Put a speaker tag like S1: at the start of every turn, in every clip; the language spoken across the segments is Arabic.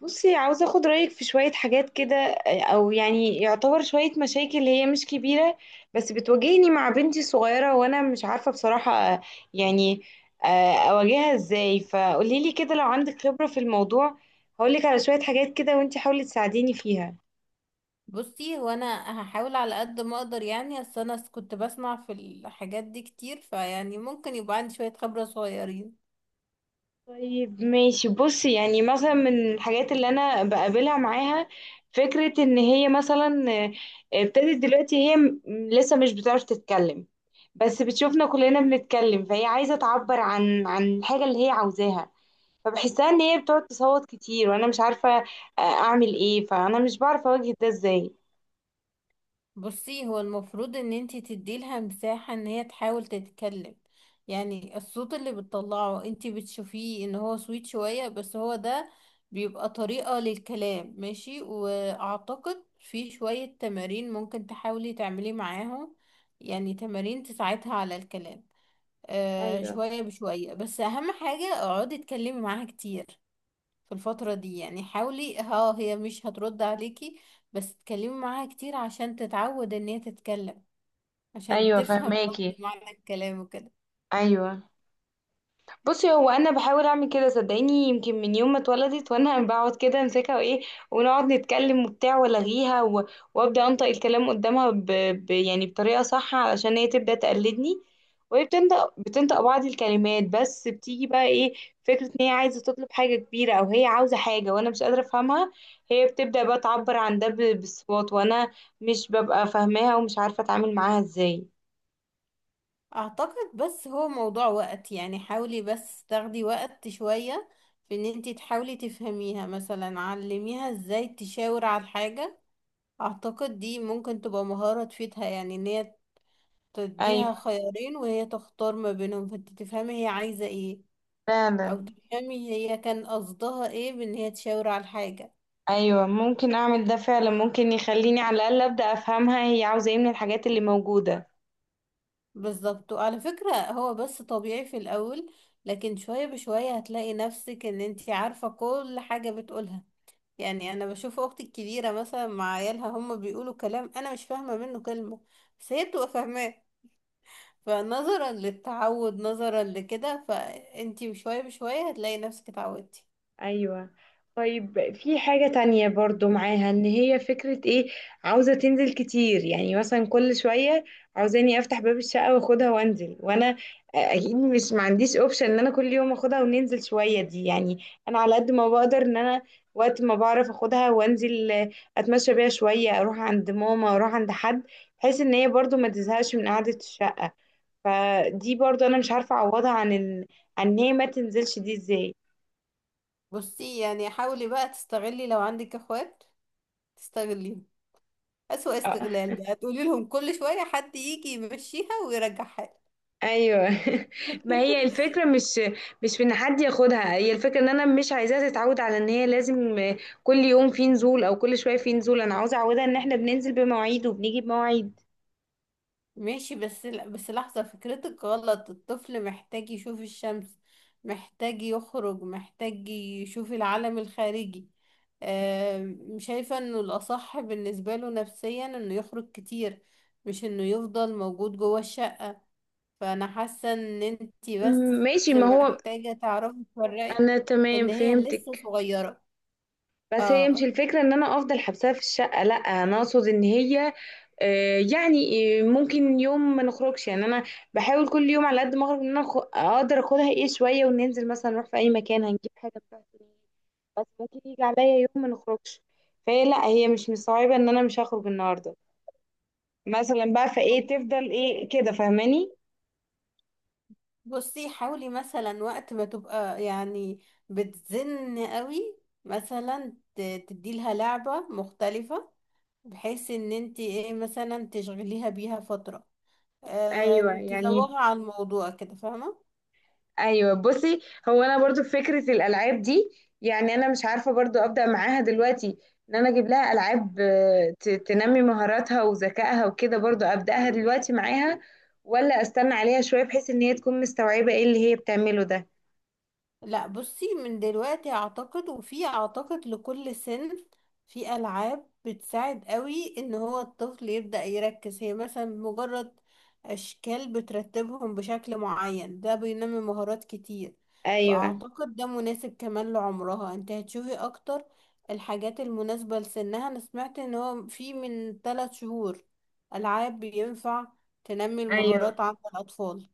S1: بصي، عاوزة اخد رأيك في شوية حاجات كده، او يعني يعتبر شوية مشاكل هي مش كبيرة بس بتواجهني مع بنتي الصغيرة وانا مش عارفة بصراحة يعني اواجهها ازاي. فقوليلي كده لو عندك خبرة في الموضوع. هقولك على شوية حاجات كده وانتي حاولي تساعديني فيها.
S2: بصي، هو انا هحاول على قد ما اقدر. يعني اصل كنت بسمع في الحاجات دي كتير، فيعني ممكن يبقى عندي شوية خبرة صغيرين.
S1: طيب ماشي. بصي يعني مثلا من الحاجات اللي انا بقابلها معاها فكرة ان هي مثلا ابتدت دلوقتي. هي لسه مش بتعرف تتكلم بس بتشوفنا كلنا بنتكلم فهي عايزة تعبر عن الحاجة اللي هي عاوزاها. فبحسها ان هي بتقعد تصوت كتير وانا مش عارفة اعمل ايه. فانا مش بعرف اواجه ده ازاي.
S2: بصي، هو المفروض ان انتي تديلها مساحة ان هي تحاول تتكلم. يعني الصوت اللي بتطلعه انتي بتشوفيه ان هو سويت شوية، بس هو ده بيبقى طريقة للكلام. ماشي. واعتقد في شوية تمارين ممكن تحاولي تعملي معاهم، يعني تمارين تساعدها على الكلام.
S1: ايوه.
S2: شوية بشوية. بس أهم حاجة اقعدي اتكلمي معاها كتير في الفترة دي. يعني حاولي، ها هي مش هترد عليكي، بس اتكلمي معاها كتير عشان تتعود ان هي تتكلم، عشان
S1: ايوه
S2: تفهم برضه
S1: فهماكي.
S2: معنى الكلام وكده.
S1: ايوه. بصي هو انا بحاول اعمل كده صدقيني. يمكن من يوم ما اتولدت وانا بقعد كده امسكها وايه ونقعد نتكلم وبتاع والغيها وابدا انطق الكلام قدامها يعني بطريقه صح علشان هي تبدا تقلدني. وهي بتنطق بعض الكلمات. بس بتيجي بقى ايه؟ فكره ان هي عايزه تطلب حاجه كبيره او هي عاوزه حاجه وانا مش قادره افهمها. هي بتبدا بقى تعبر عن ده بالصوت وانا مش ببقى فاهماها ومش عارفه اتعامل معاها ازاي.
S2: اعتقد بس هو موضوع وقت. يعني حاولي بس تاخدي وقت شوية في ان انتي تحاولي تفهميها. مثلا علميها ازاي تشاور على الحاجة. اعتقد دي ممكن تبقى مهارة تفيدها، يعني ان هي تديها
S1: ايوه
S2: خيارين وهي تختار ما بينهم، فانت تفهمي هي عايزة ايه، او
S1: فعلا.
S2: تفهمي هي كان قصدها ايه بان هي تشاور على الحاجة.
S1: ايوه ممكن اعمل ده فعلا. ممكن يخليني على الاقل ابدا افهمها هي عاوزه ايه من الحاجات اللي موجوده.
S2: بالظبط. وعلى فكرة، هو بس طبيعي في الاول، لكن شوية بشوية هتلاقي نفسك ان انت عارفة كل حاجة بتقولها. يعني انا بشوف اختي الكبيرة مثلا مع عيالها، هم بيقولوا كلام انا مش فاهمة منه كلمة، بس هي بتبقى فاهماه. فنظرا للتعود، نظرا لكده، فانتي شوية بشوية هتلاقي نفسك اتعودتي.
S1: ايوه. طيب في حاجة تانية برضو معاها. ان هي فكرة ايه، عاوزة تنزل كتير يعني مثلا كل شوية عاوزاني افتح باب الشقة واخدها وانزل. وانا اكيد مش ما عنديش اوبشن ان انا كل يوم اخدها وننزل شوية دي يعني. انا على قد ما بقدر ان انا وقت ما بعرف اخدها وانزل اتمشى بيها شوية، اروح عند ماما، اروح عند حد، بحيث ان هي برضو ما تزهقش من قعدة الشقة. فدي برضو انا مش عارفه اعوضها عن عن ان هي ما تنزلش دي ازاي.
S2: بصي، يعني حاولي بقى تستغلي لو عندك اخوات. تستغليهم اسوأ
S1: اه.
S2: استغلال، بقى تقولي لهم كل شوية حد يجي يمشيها ويرجعها.
S1: ايوه ما هي الفكره مش في ان حد ياخدها. هي الفكره ان انا مش عايزاها تتعود على ان هي لازم كل يوم في نزول او كل شويه في نزول. انا عاوزه اعودها ان احنا بننزل بمواعيد وبنيجي بمواعيد.
S2: ماشي. بس لا، بس لحظة، فكرتك غلط. الطفل محتاج يشوف الشمس، محتاج يخرج، محتاج يشوف العالم الخارجي. شايفة انه الأصح بالنسبة له نفسيا انه يخرج كتير، مش انه يفضل موجود جوه الشمس. فانا حاسه ان انتي بس
S1: م- ماشي. ما هو
S2: محتاجه تعرفي تفرقي
S1: انا تمام
S2: ان هي لسه
S1: فهمتك.
S2: صغيره.
S1: بس هي مش
S2: اه.
S1: الفكرة ان انا افضل حبسها في الشقة، لا. انا اقصد ان هي يعني ممكن يوم ما نخرجش. يعني انا بحاول كل يوم على قد ما اخرج ان انا اقدر اخدها ايه شوية وننزل مثلا نروح في اي مكان هنجيب حاجة بتاعتي. بس ممكن يجي عليا يوم ما نخرجش فهي لا، هي مش مستوعبة ان انا مش هخرج النهاردة مثلا بقى. فايه تفضل ايه كده فاهماني؟
S2: بصي حاولي مثلا وقت ما تبقى يعني بتزن قوي، مثلا تديلها لعبه مختلفه، بحيث ان انتي ايه، مثلا تشغليها بيها فتره،
S1: ايوه يعني.
S2: تزوغها عن الموضوع كده، فاهمه.
S1: ايوه بصي. هو انا برضو في فكره الالعاب دي يعني انا مش عارفه برضو ابدا معاها دلوقتي ان انا اجيب لها العاب تنمي مهاراتها وذكائها وكده، برضو ابداها دلوقتي معاها ولا استنى عليها شويه بحيث ان هي تكون مستوعبه ايه اللي هي بتعمله ده.
S2: لا، بصي، من دلوقتي اعتقد. وفي اعتقد لكل سن في العاب بتساعد قوي ان هو الطفل يبدأ يركز. هي مثلا مجرد اشكال بترتبهم بشكل معين، ده بينمي مهارات كتير.
S1: ايوه.
S2: فاعتقد ده مناسب كمان لعمرها. انت هتشوفي اكتر الحاجات المناسبة لسنها. انا سمعت ان هو في من 3 شهور العاب بينفع تنمي
S1: ايوه.
S2: المهارات عند الاطفال.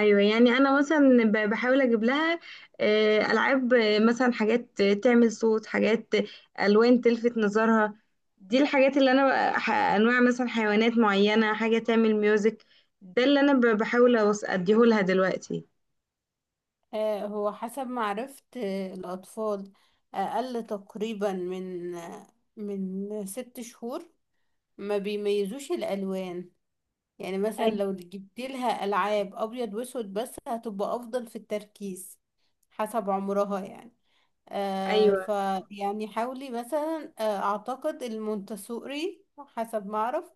S1: ايوه. يعني انا مثلا بحاول اجيب لها العاب، مثلا حاجات تعمل صوت، حاجات الوان تلفت نظرها. دي الحاجات اللي انا انواع مثلا حيوانات معينه، حاجه تعمل ميوزك. ده اللي انا بحاول اديهولها دلوقتي.
S2: هو حسب ما عرفت الأطفال أقل تقريبا من من 6 شهور ما بيميزوش الألوان. يعني مثلا
S1: أي.
S2: لو جبت لها ألعاب أبيض وأسود بس، هتبقى أفضل في التركيز حسب عمرها. يعني
S1: ايوه.
S2: فيعني حاولي مثلا. أعتقد المونتسوري حسب ما أعرف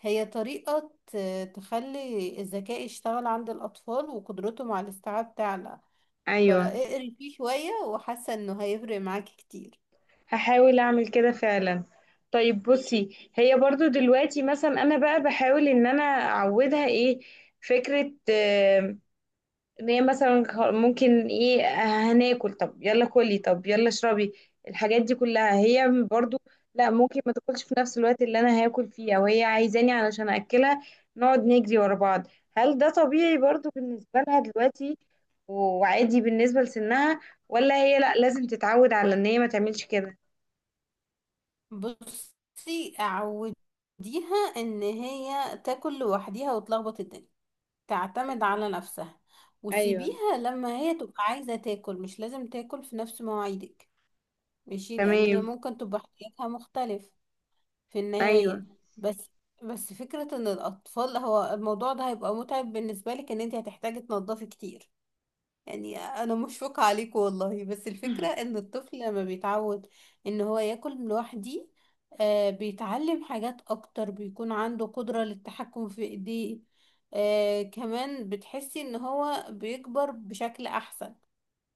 S2: هي طريقة تخلي الذكاء يشتغل عند الأطفال وقدرتهم على الاستيعاب تعلى.
S1: ايوه
S2: فاقري فيه شوية، وحاسة انه هيفرق معاكي كتير.
S1: هحاول اعمل كده فعلا. طيب بصي هي برضو دلوقتي مثلا انا بقى بحاول ان انا اعودها ايه، فكرة ان هي مثلا ممكن ايه هناكل طب يلا كلي، طب يلا اشربي. الحاجات دي كلها هي برضو لا، ممكن ما تاكلش في نفس الوقت اللي انا هاكل فيه او هي عايزاني علشان اكلها نقعد نجري ورا بعض. هل ده طبيعي برضو بالنسبة لها دلوقتي و- وعادي بالنسبة لسنها؟ ولا هي لا لازم تتعود على ان هي ما تعملش كده؟
S2: بصي، عوديها ان هي تاكل لوحديها وتلخبط الدنيا، تعتمد
S1: ايوه.
S2: على نفسها.
S1: ايوه.
S2: وسيبيها لما هي تبقى عايزة تاكل، مش لازم تاكل في نفس مواعيدك. ماشي. لان هي
S1: تمام.
S2: ممكن تبقى احتياجها مختلف في
S1: ايوه.
S2: النهاية. بس بس فكرة ان الاطفال، هو الموضوع ده هيبقى متعب بالنسبة لك، ان انت هتحتاجي تنضفي كتير. يعني انا مشفقة عليكم والله. بس الفكرة ان الطفل لما بيتعود ان هو ياكل لوحدي، بيتعلم حاجات اكتر، بيكون عنده قدرة للتحكم في ايديه، كمان بتحسي ان هو بيكبر بشكل احسن.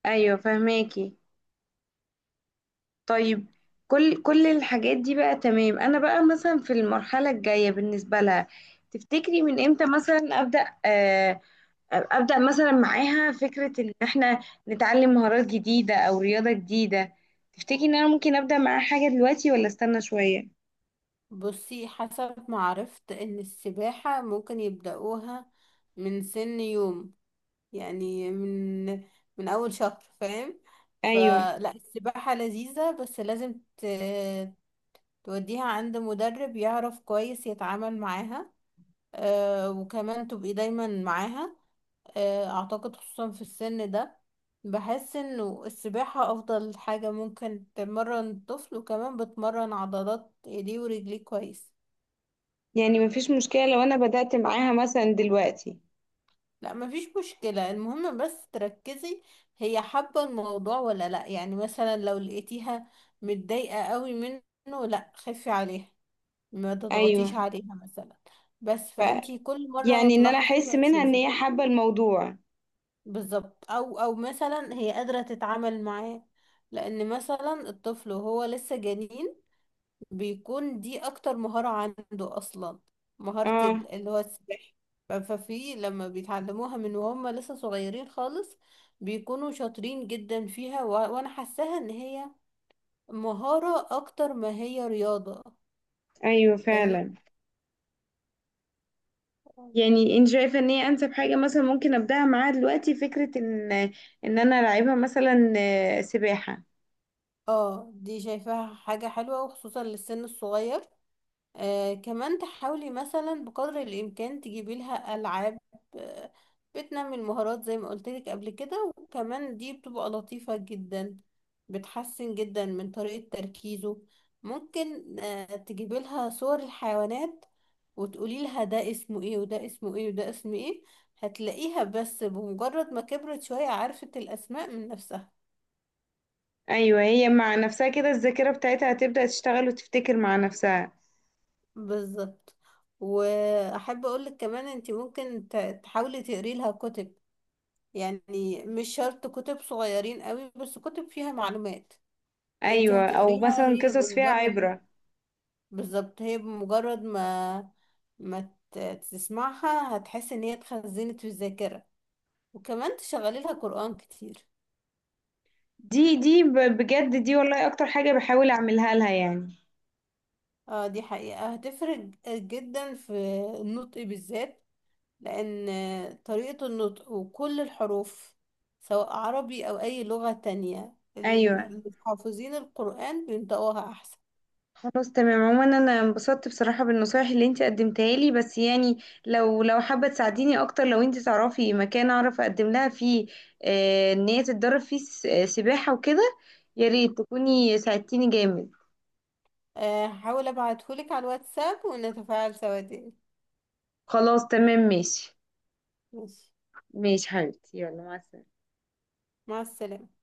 S1: ايوه فهماكي. طيب كل الحاجات دي بقى تمام. انا بقى مثلا في المرحله الجايه بالنسبه لها تفتكري من امتى مثلا ابدا مثلا معاها فكره ان احنا نتعلم مهارات جديده او رياضه جديده؟ تفتكري ان انا ممكن ابدا معاها حاجه دلوقتي ولا استنى شويه؟
S2: بصي، حسب ما عرفت ان السباحة ممكن يبدأوها من سن يوم. يعني من اول شهر، فاهم.
S1: ايوه.
S2: فلا، السباحة لذيذة، بس لازم توديها عند مدرب يعرف كويس يتعامل معاها. وكمان تبقي دايما معاها. اعتقد خصوصا في السن ده بحس انه السباحة افضل حاجة ممكن تمرن الطفل، وكمان بتمرن عضلات ايديه ورجليه كويس.
S1: يعني مفيش مشكله لو انا بدات معاها مثلا دلوقتي.
S2: لا، مفيش مشكلة. المهم بس تركزي هي حابة الموضوع ولا لا. يعني مثلا لو لقيتيها متضايقة قوي منه، لا، خفي عليها، ما
S1: ايوه.
S2: تضغطيش عليها مثلا. بس
S1: ف
S2: فانتي كل مرة
S1: يعني ان انا
S2: هتلاحظي
S1: احس منها ان
S2: وهتشوفي.
S1: هي حابه الموضوع.
S2: بالظبط. او مثلا هي قادرة تتعامل معاه. لان مثلا الطفل وهو لسه جنين، بيكون دي اكتر مهارة عنده اصلا، مهارة
S1: اه.
S2: اللي هو السباحة. ففي لما بيتعلموها من وهم لسه صغيرين خالص بيكونوا شاطرين جدا فيها و... وانا حاساها ان هي مهارة اكتر ما هي رياضة،
S1: ايوه
S2: فاهمة.
S1: فعلا. يعني انت شايفه ان هي انسب حاجه مثلا ممكن ابداها معاها دلوقتي، فكره ان انا العبها مثلا سباحه؟
S2: اه، دي شايفاها حاجة حلوة، وخصوصا للسن الصغير. كمان تحاولي مثلا بقدر الإمكان تجيبي لها ألعاب آه بتنمي المهارات زي ما قلت لك قبل كده. وكمان دي بتبقى لطيفة جدا، بتحسن جدا من طريقة تركيزه. ممكن تجيبي لها صور الحيوانات وتقولي لها ده اسمه ايه وده اسمه ايه وده اسمه ايه. هتلاقيها بس بمجرد ما كبرت شوية عرفت الأسماء من نفسها.
S1: ايوه هي مع نفسها كده الذاكره بتاعتها هتبدا تشتغل وتفتكر مع نفسها.
S2: بالظبط. واحب اقولك كمان انت ممكن تحاولي تقري لها كتب، يعني مش شرط كتب صغيرين قوي، بس كتب فيها معلومات انت
S1: ايوه او
S2: هتقريها.
S1: مثلا
S2: هي
S1: قصص فيها
S2: بمجرد،
S1: عبره.
S2: بالظبط، هي بمجرد ما تسمعها، هتحس ان هي اتخزنت في الذاكرة. وكمان تشغلي لها قرآن كتير.
S1: دي بجد دي والله اكتر حاجه بحاول اعملها لها يعني.
S2: اه، دي حقيقة هتفرق جدا في النطق بالذات. لأن طريقة النطق وكل الحروف، سواء عربي أو أي لغة تانية،
S1: ايوه.
S2: اللي حافظين القرآن بينطقوها أحسن.
S1: خلاص تمام. عموما انا انبسطت بصراحة بالنصايح اللي انت قدمتها لي. بس يعني لو حابة تساعديني اكتر، لو انت تعرفي مكان اعرف اقدم لها فيه ان هي تتدرب فيه سباحة وكده، يا ريت تكوني ساعدتيني جامد.
S2: هحاول أبعتهولك على الواتساب ونتفاعل سوا دي.
S1: خلاص تمام. ماشي.
S2: ماشي.
S1: ماشي حبيبتي، يلا مع السلامة.
S2: مع السلامة.